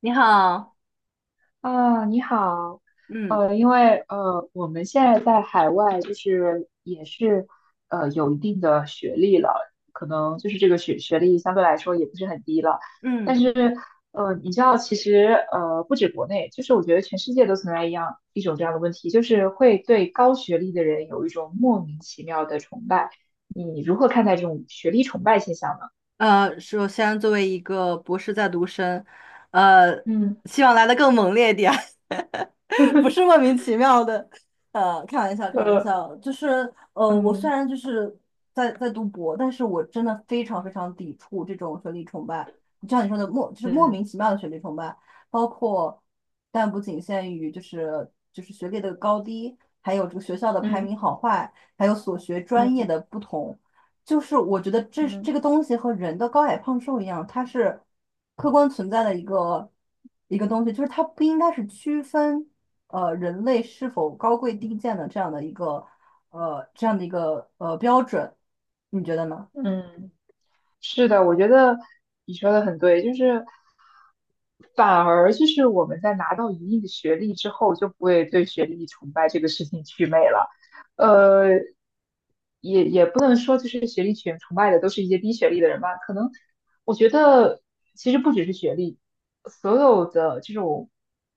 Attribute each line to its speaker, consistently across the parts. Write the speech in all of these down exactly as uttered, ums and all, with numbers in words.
Speaker 1: 你好。
Speaker 2: 啊，你好，
Speaker 1: 嗯
Speaker 2: 呃，因为呃，我们现在在海外，就是也是呃有一定的学历了，可能就是这个学学历相对来说也不是很低了，但
Speaker 1: 嗯。
Speaker 2: 是呃，你知道，其实呃，不止国内，就是我觉得全世界都存在一样一种这样的问题，就是会对高学历的人有一种莫名其妙的崇拜。你如何看待这种学历崇拜现象呢？
Speaker 1: 呃，首先作为一个博士在读生，呃，
Speaker 2: 嗯。
Speaker 1: 希望来的更猛烈一点。不是 莫名其妙的。呃，开玩笑，开玩
Speaker 2: 呃，
Speaker 1: 笑。就是呃，我虽
Speaker 2: 嗯。
Speaker 1: 然就是在在读博，但是我真的非常非常抵触这种学历崇拜，就像你说的莫就是莫
Speaker 2: 嗯
Speaker 1: 名其妙的学历崇拜，包括但不仅限于就是就是学历的高低，还有这个学校的排
Speaker 2: 嗯。
Speaker 1: 名好坏，还有所学专业
Speaker 2: 嗯。
Speaker 1: 的不同，就是我觉得这
Speaker 2: 嗯。
Speaker 1: 这个东西和人的高矮胖瘦一样，它是客观存在的一个一个东西，就是它不应该是区分。呃人类是否高贵低贱的这样的一个呃这样的一个呃标准，你觉得呢？
Speaker 2: 嗯嗯。是的，我觉得你说的很对，就是反而就是我们在拿到一定的学历之后，就不会对学历崇拜这个事情祛魅了。呃，不能说就是学历群崇拜的都是一些低学历的人吧，可能我觉得其实不只是学历，所有的这种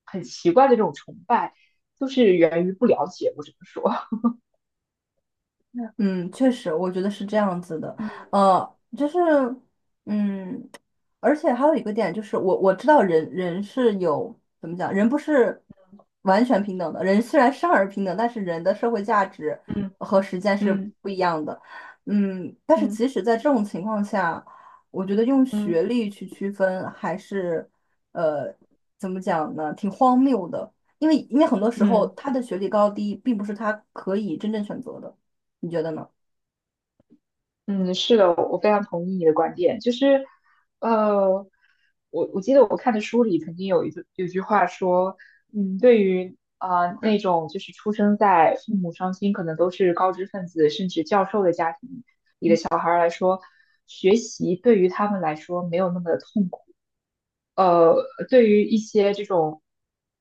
Speaker 2: 很奇怪的这种崇拜，都是源于不了解，我只能说。
Speaker 1: 嗯，确实，我觉得是这样子的。
Speaker 2: 嗯。
Speaker 1: 呃，就是嗯。而且还有一个点就是我，我知道人人是有怎么讲，人不是完全平等的。人虽然生而平等，但是人的社会价值
Speaker 2: 嗯。
Speaker 1: 和实践是
Speaker 2: 嗯。
Speaker 1: 不一样的。嗯，但是即
Speaker 2: 嗯。
Speaker 1: 使在这种情况下，我觉得用学
Speaker 2: 嗯。
Speaker 1: 历去区分还是呃怎么讲呢，挺荒谬的。因为因为很多时候
Speaker 2: 嗯。
Speaker 1: 他的学历高低并不是他可以真正选择的，你觉得呢？
Speaker 2: 嗯，是的，我非常同意你的观点。就是，呃，我我记得我看的书里曾经有一句有句话说，嗯，对于啊、呃那种就是出生在父母双亲可能都是高知分子甚至教授的家庭里的小孩儿来说，学习对于他们来说没有那么的痛苦。呃，对于一些这种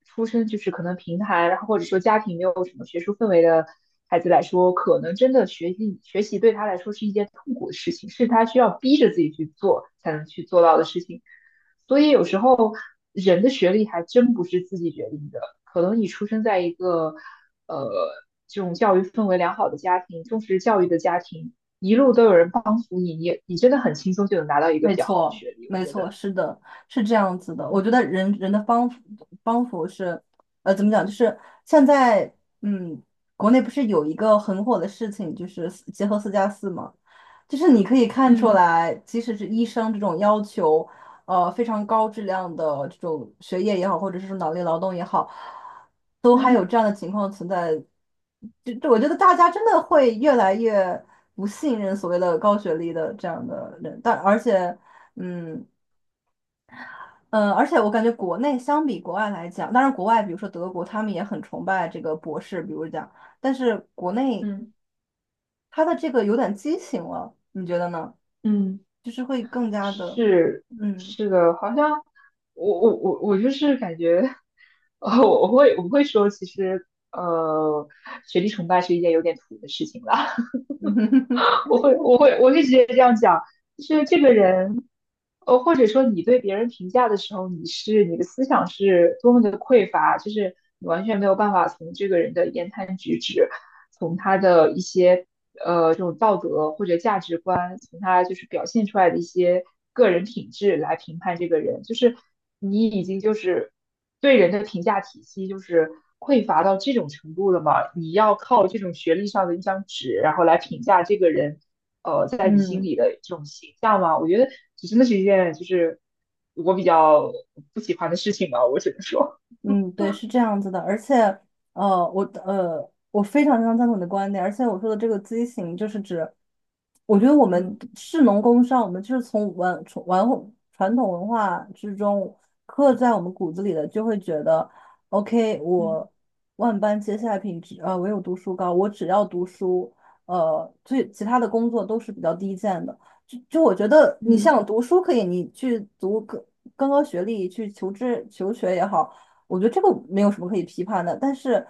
Speaker 2: 出身就是可能平台，然后或者说家庭没有什么学术氛围的孩子来说，可能真的学习学习对他来说是一件痛苦的事情，是他需要逼着自己去做才能去做到的事情。所以有时候人的学历还真不是自己决定的，可能你出生在一个呃这种教育氛围良好的家庭，重视教育的家庭，一路都有人帮扶你，你也你真的很轻松就能拿到一个比
Speaker 1: 没
Speaker 2: 较好的
Speaker 1: 错，
Speaker 2: 学历，我
Speaker 1: 没
Speaker 2: 觉
Speaker 1: 错，
Speaker 2: 得，
Speaker 1: 是的，是这样子的。我
Speaker 2: 嗯。
Speaker 1: 觉得人人的帮扶帮扶是，呃，怎么讲？就是现在，嗯，国内不是有一个很火的事情，就是四结合四加四嘛，就是你可以看出
Speaker 2: 嗯。
Speaker 1: 来，即使是医生这种要求，呃非常高质量的这种学业也好，或者是说脑力劳动也好，都还有
Speaker 2: 嗯。
Speaker 1: 这样的情况存在。就就我觉得大家真的会越来越不信任所谓的高学历的这样的人，但而且，嗯。嗯，呃而且我感觉国内相比国外来讲，当然国外比如说德国，他们也很崇拜这个博士，比如讲，但是国内
Speaker 2: 嗯。
Speaker 1: 他的这个有点畸形了，你觉得呢？
Speaker 2: 嗯。
Speaker 1: 就是会更加的，
Speaker 2: 是
Speaker 1: 嗯
Speaker 2: 是的，好像我我我我就是感觉，呃，我会我会说，其实呃，学历崇拜是一件有点土的事情了。
Speaker 1: 嗯
Speaker 2: 我会我会我会直接这样讲，就是这个人，呃，或者说你对别人评价的时候，你是你的思想是多么的匮乏，就是你完全没有办法从这个人的言谈举止，从他的一些呃这种道德或者价值观，从他就是表现出来的一些个人品质来评判这个人，就是你已经就是。对人的评价体系就是匮乏到这种程度了吗？你要靠这种学历上的一张纸，然后来评价这个人，呃，在你心
Speaker 1: 嗯
Speaker 2: 里的这种形象吗？我觉得这真的是一件就是我比较不喜欢的事情吧，我只能说，
Speaker 1: 嗯，对，是这样子的，而且，呃，我呃，我非常非常赞同你的观点，而且我说的这个畸形，就是指，我觉得我们
Speaker 2: 嗯。
Speaker 1: 士农工商，我们就是从文从文传统文化之中刻在我们骨子里的，就会觉得，OK，
Speaker 2: 嗯。
Speaker 1: 我万般皆下品，只呃唯有读书高，我只要读书，呃，最其他的工作都是比较低贱的。就就我觉得，你
Speaker 2: 嗯。
Speaker 1: 像读书可以，你去读更更高学历去求知求学也好。我觉得这个没有什么可以批判的，但是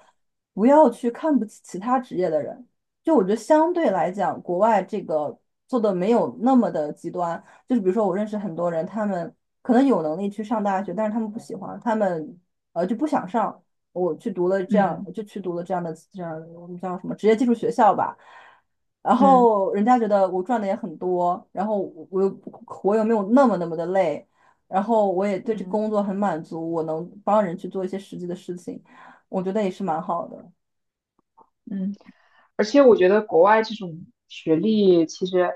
Speaker 1: 不要去看不起其他职业的人。就我觉得相对来讲，国外这个做的没有那么的极端。就是比如说，我认识很多人，他们可能有能力去上大学，但是他们不喜欢，他们呃就不想上。我去读了这样，
Speaker 2: 嗯。
Speaker 1: 就去读了这样的这样我们叫什么职业技术学校吧。然
Speaker 2: 嗯。
Speaker 1: 后人家觉得我赚的也很多，然后我我又我又没有那么那么的累，然后我也对这
Speaker 2: 嗯。
Speaker 1: 工作很满足，我能帮人去做一些实际的事情，我觉得也是蛮好的。
Speaker 2: 嗯。而且我觉得国外这种学历，其实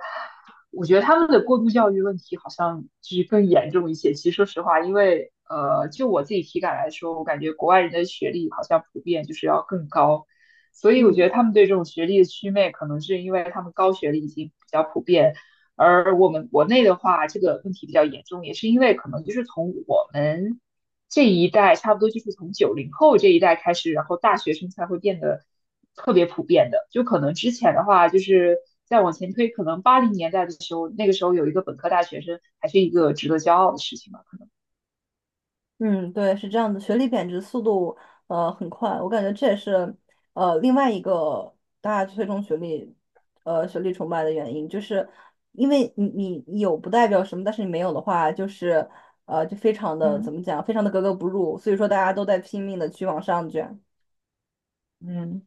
Speaker 2: 我觉得他们的过度教育问题好像就是更严重一些。其实说实话，因为呃，就我自己体感来说，我感觉国外人的学历好像普遍就是要更高，所以我觉
Speaker 1: 嗯
Speaker 2: 得他们对这种学历的祛魅，可能是因为他们高学历已经比较普遍。而我们国内的话，这个问题比较严重，也是因为可能就是从我们这一代差不多就是从九零后这一代开始，然后大学生才会变得特别普遍的。就可能之前的话，就是再往前推，可能八零年代的时候，那个时候有一个本科大学生，还是一个值得骄傲的事情吧，可能。
Speaker 1: 嗯，对，是这样的，学历贬值速度呃很快，我感觉这也是呃另外一个大家推崇学历呃学历崇拜的原因，就是因为你你你有不代表什么，但是你没有的话，就是呃就非常的
Speaker 2: 嗯。
Speaker 1: 怎么讲，非常的格格不入，所以说大家都在拼命的去往上卷。
Speaker 2: 嗯，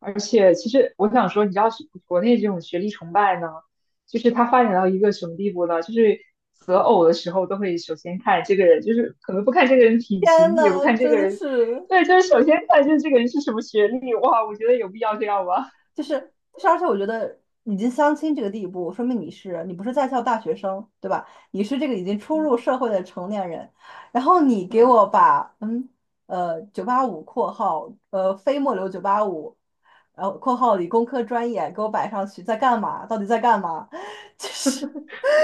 Speaker 2: 而且其实我想说，你知道是国内这种学历崇拜呢，就是它发展到一个什么地步呢？就是择偶的时候都会首先看这个人，就是可能不看这个人体
Speaker 1: 天
Speaker 2: 型，也不
Speaker 1: 呐，
Speaker 2: 看这
Speaker 1: 真
Speaker 2: 个
Speaker 1: 的
Speaker 2: 人，
Speaker 1: 是。
Speaker 2: 对，就是首先看就是这个人是什么学历。哇，我觉得有必要这样吗？
Speaker 1: 就是就是，而且我觉得已经相亲这个地步，说明你是你不是在校大学生，对吧？你是这个已经初入
Speaker 2: 嗯。
Speaker 1: 社会的成年人，然后你给
Speaker 2: 嗯。
Speaker 1: 我把嗯呃九八五括号呃非末流九八五，然后括号理工科专业给我摆上去，在干嘛？到底在干嘛？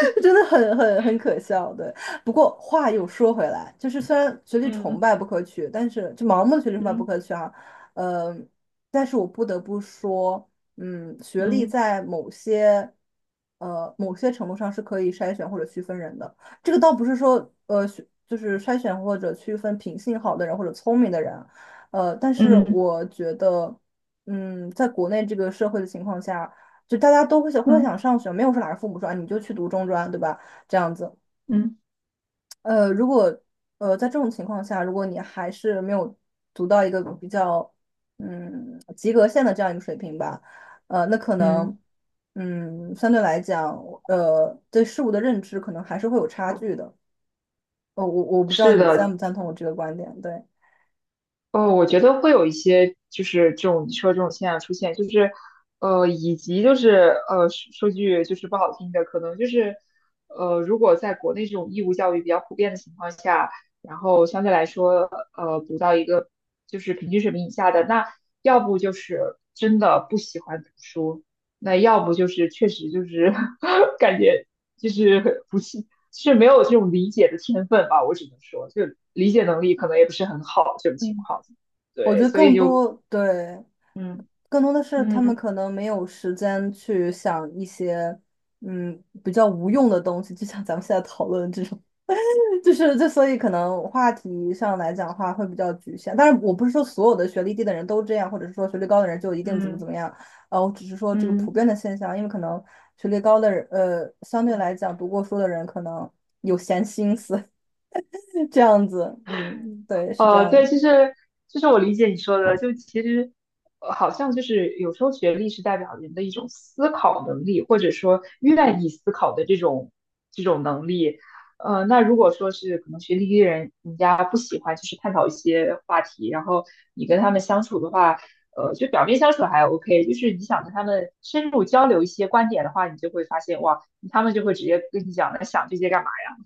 Speaker 1: 真的很很很可笑，对。不过话又说回来，就是虽然学历崇
Speaker 2: 嗯。
Speaker 1: 拜不可取，但是就盲目的学历崇拜不
Speaker 2: 嗯。
Speaker 1: 可取啊，呃，但是我不得不说，嗯，学历
Speaker 2: 嗯。
Speaker 1: 在某些呃某些程度上是可以筛选或者区分人的。这个倒不是说呃学就是筛选或者区分品性好的人或者聪明的人啊，呃，但是
Speaker 2: 嗯。
Speaker 1: 我觉得，嗯，在国内这个社会的情况下。就大家都会想会想
Speaker 2: 嗯。
Speaker 1: 上学，没有说哪个父母说啊你就去读中专，对吧？这样子，
Speaker 2: 嗯。
Speaker 1: 呃，如果呃在这种情况下，如果你还是没有读到一个比较嗯及格线的这样一个水平吧，呃，那可
Speaker 2: 嗯。
Speaker 1: 能嗯相对来讲，呃对事物的认知可能还是会有差距的。呃，我我不知道
Speaker 2: 是
Speaker 1: 你赞
Speaker 2: 的。
Speaker 1: 不赞同我这个观点，对。
Speaker 2: 哦，我觉得会有一些，就是这种你说这种现象出现，就是，呃，以及就是呃，说说句就是不好听的，可能就是，呃，如果在国内这种义务教育比较普遍的情况下，然后相对来说，呃，读到一个就是平均水平以下的，那要不就是真的不喜欢读书，那要不就是确实就是 感觉就是不是是没有这种理解的天分吧，我只能说，就理解能力可能也不是很好这种情
Speaker 1: 嗯。
Speaker 2: 况。
Speaker 1: 我觉
Speaker 2: 对，
Speaker 1: 得
Speaker 2: 所
Speaker 1: 更
Speaker 2: 以就
Speaker 1: 多，对，
Speaker 2: 嗯。
Speaker 1: 更多的是他们
Speaker 2: 嗯。
Speaker 1: 可能没有时间去想一些，嗯，比较无用的东西，就像咱们现在讨论这种，就是这，所以可能话题上来讲的话会比较局限。但是我不是说所有的学历低的人都这样，或者是说学历高的人就一定怎么
Speaker 2: 嗯。
Speaker 1: 怎么样，呃，我只是说这个普
Speaker 2: 嗯。
Speaker 1: 遍的现象，因为可能学历高的人，呃，相对来讲读过书的人可能有闲心思，这样子，嗯，对，是这
Speaker 2: 呃，
Speaker 1: 样
Speaker 2: 对，
Speaker 1: 的。
Speaker 2: 就是就是我理解你说的，就其实呃好像就是有时候学历是代表人的一种思考能力，或者说愿意思考的这种这种能力。呃，那如果说是可能学历低的人，人家不喜欢就是探讨一些话题，然后你跟他们相处的话，呃，就表面相处还 OK，就是你想跟他们深入交流一些观点的话，你就会发现哇，他们就会直接跟你讲，那想这些干嘛呀？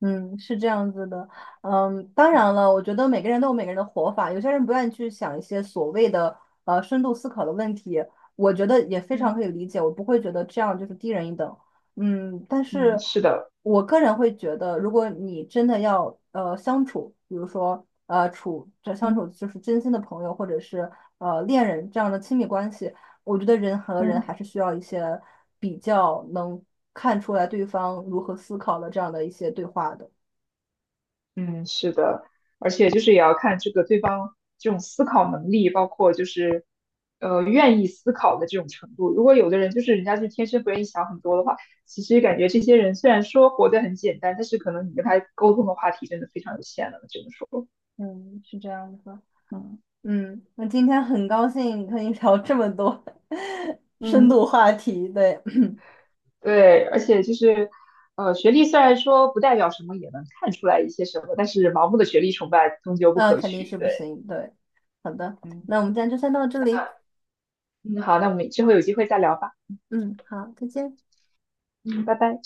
Speaker 1: 嗯，是这样子的，嗯，当然了，我觉得每个人都有每个人的活法，有些人不愿意去想一些所谓的呃深度思考的问题，我觉得也非常可
Speaker 2: 嗯。
Speaker 1: 以理解，我不会觉得这样就是低人一等，嗯，但
Speaker 2: 嗯。嗯。
Speaker 1: 是
Speaker 2: 是的。
Speaker 1: 我个人会觉得，如果你真的要呃相处，比如说呃处这相处
Speaker 2: 嗯。
Speaker 1: 就是真心的朋友或者是呃恋人这样的亲密关系，我觉得人和人
Speaker 2: 嗯。
Speaker 1: 还是需要一些比较能看出来对方如何思考的这样的一些对话的。
Speaker 2: 嗯，是的，而且就是也要看这个对方这种思考能力，包括就是呃愿意思考的这种程度。如果有的人就是人家就天生不愿意想很多的话，其实感觉这些人虽然说活得很简单，但是可能你跟他沟通的话题真的非常有限了，只能说，
Speaker 1: 嗯，是这样子。
Speaker 2: 嗯。
Speaker 1: 嗯，那今天很高兴和你聊这么多 深
Speaker 2: 嗯。
Speaker 1: 度话题，对，
Speaker 2: 对，而且就是呃学历虽然说不代表什么，也能看出来一些什么，但是盲目的学历崇拜终究 不
Speaker 1: 那
Speaker 2: 可
Speaker 1: 肯定
Speaker 2: 取。
Speaker 1: 是不
Speaker 2: 对，
Speaker 1: 行，对。好的，
Speaker 2: 嗯。
Speaker 1: 那我们今天就先到这里。
Speaker 2: 嗯。好，那我们之后有机会再聊吧，
Speaker 1: 嗯，好，再见。
Speaker 2: 嗯，拜拜。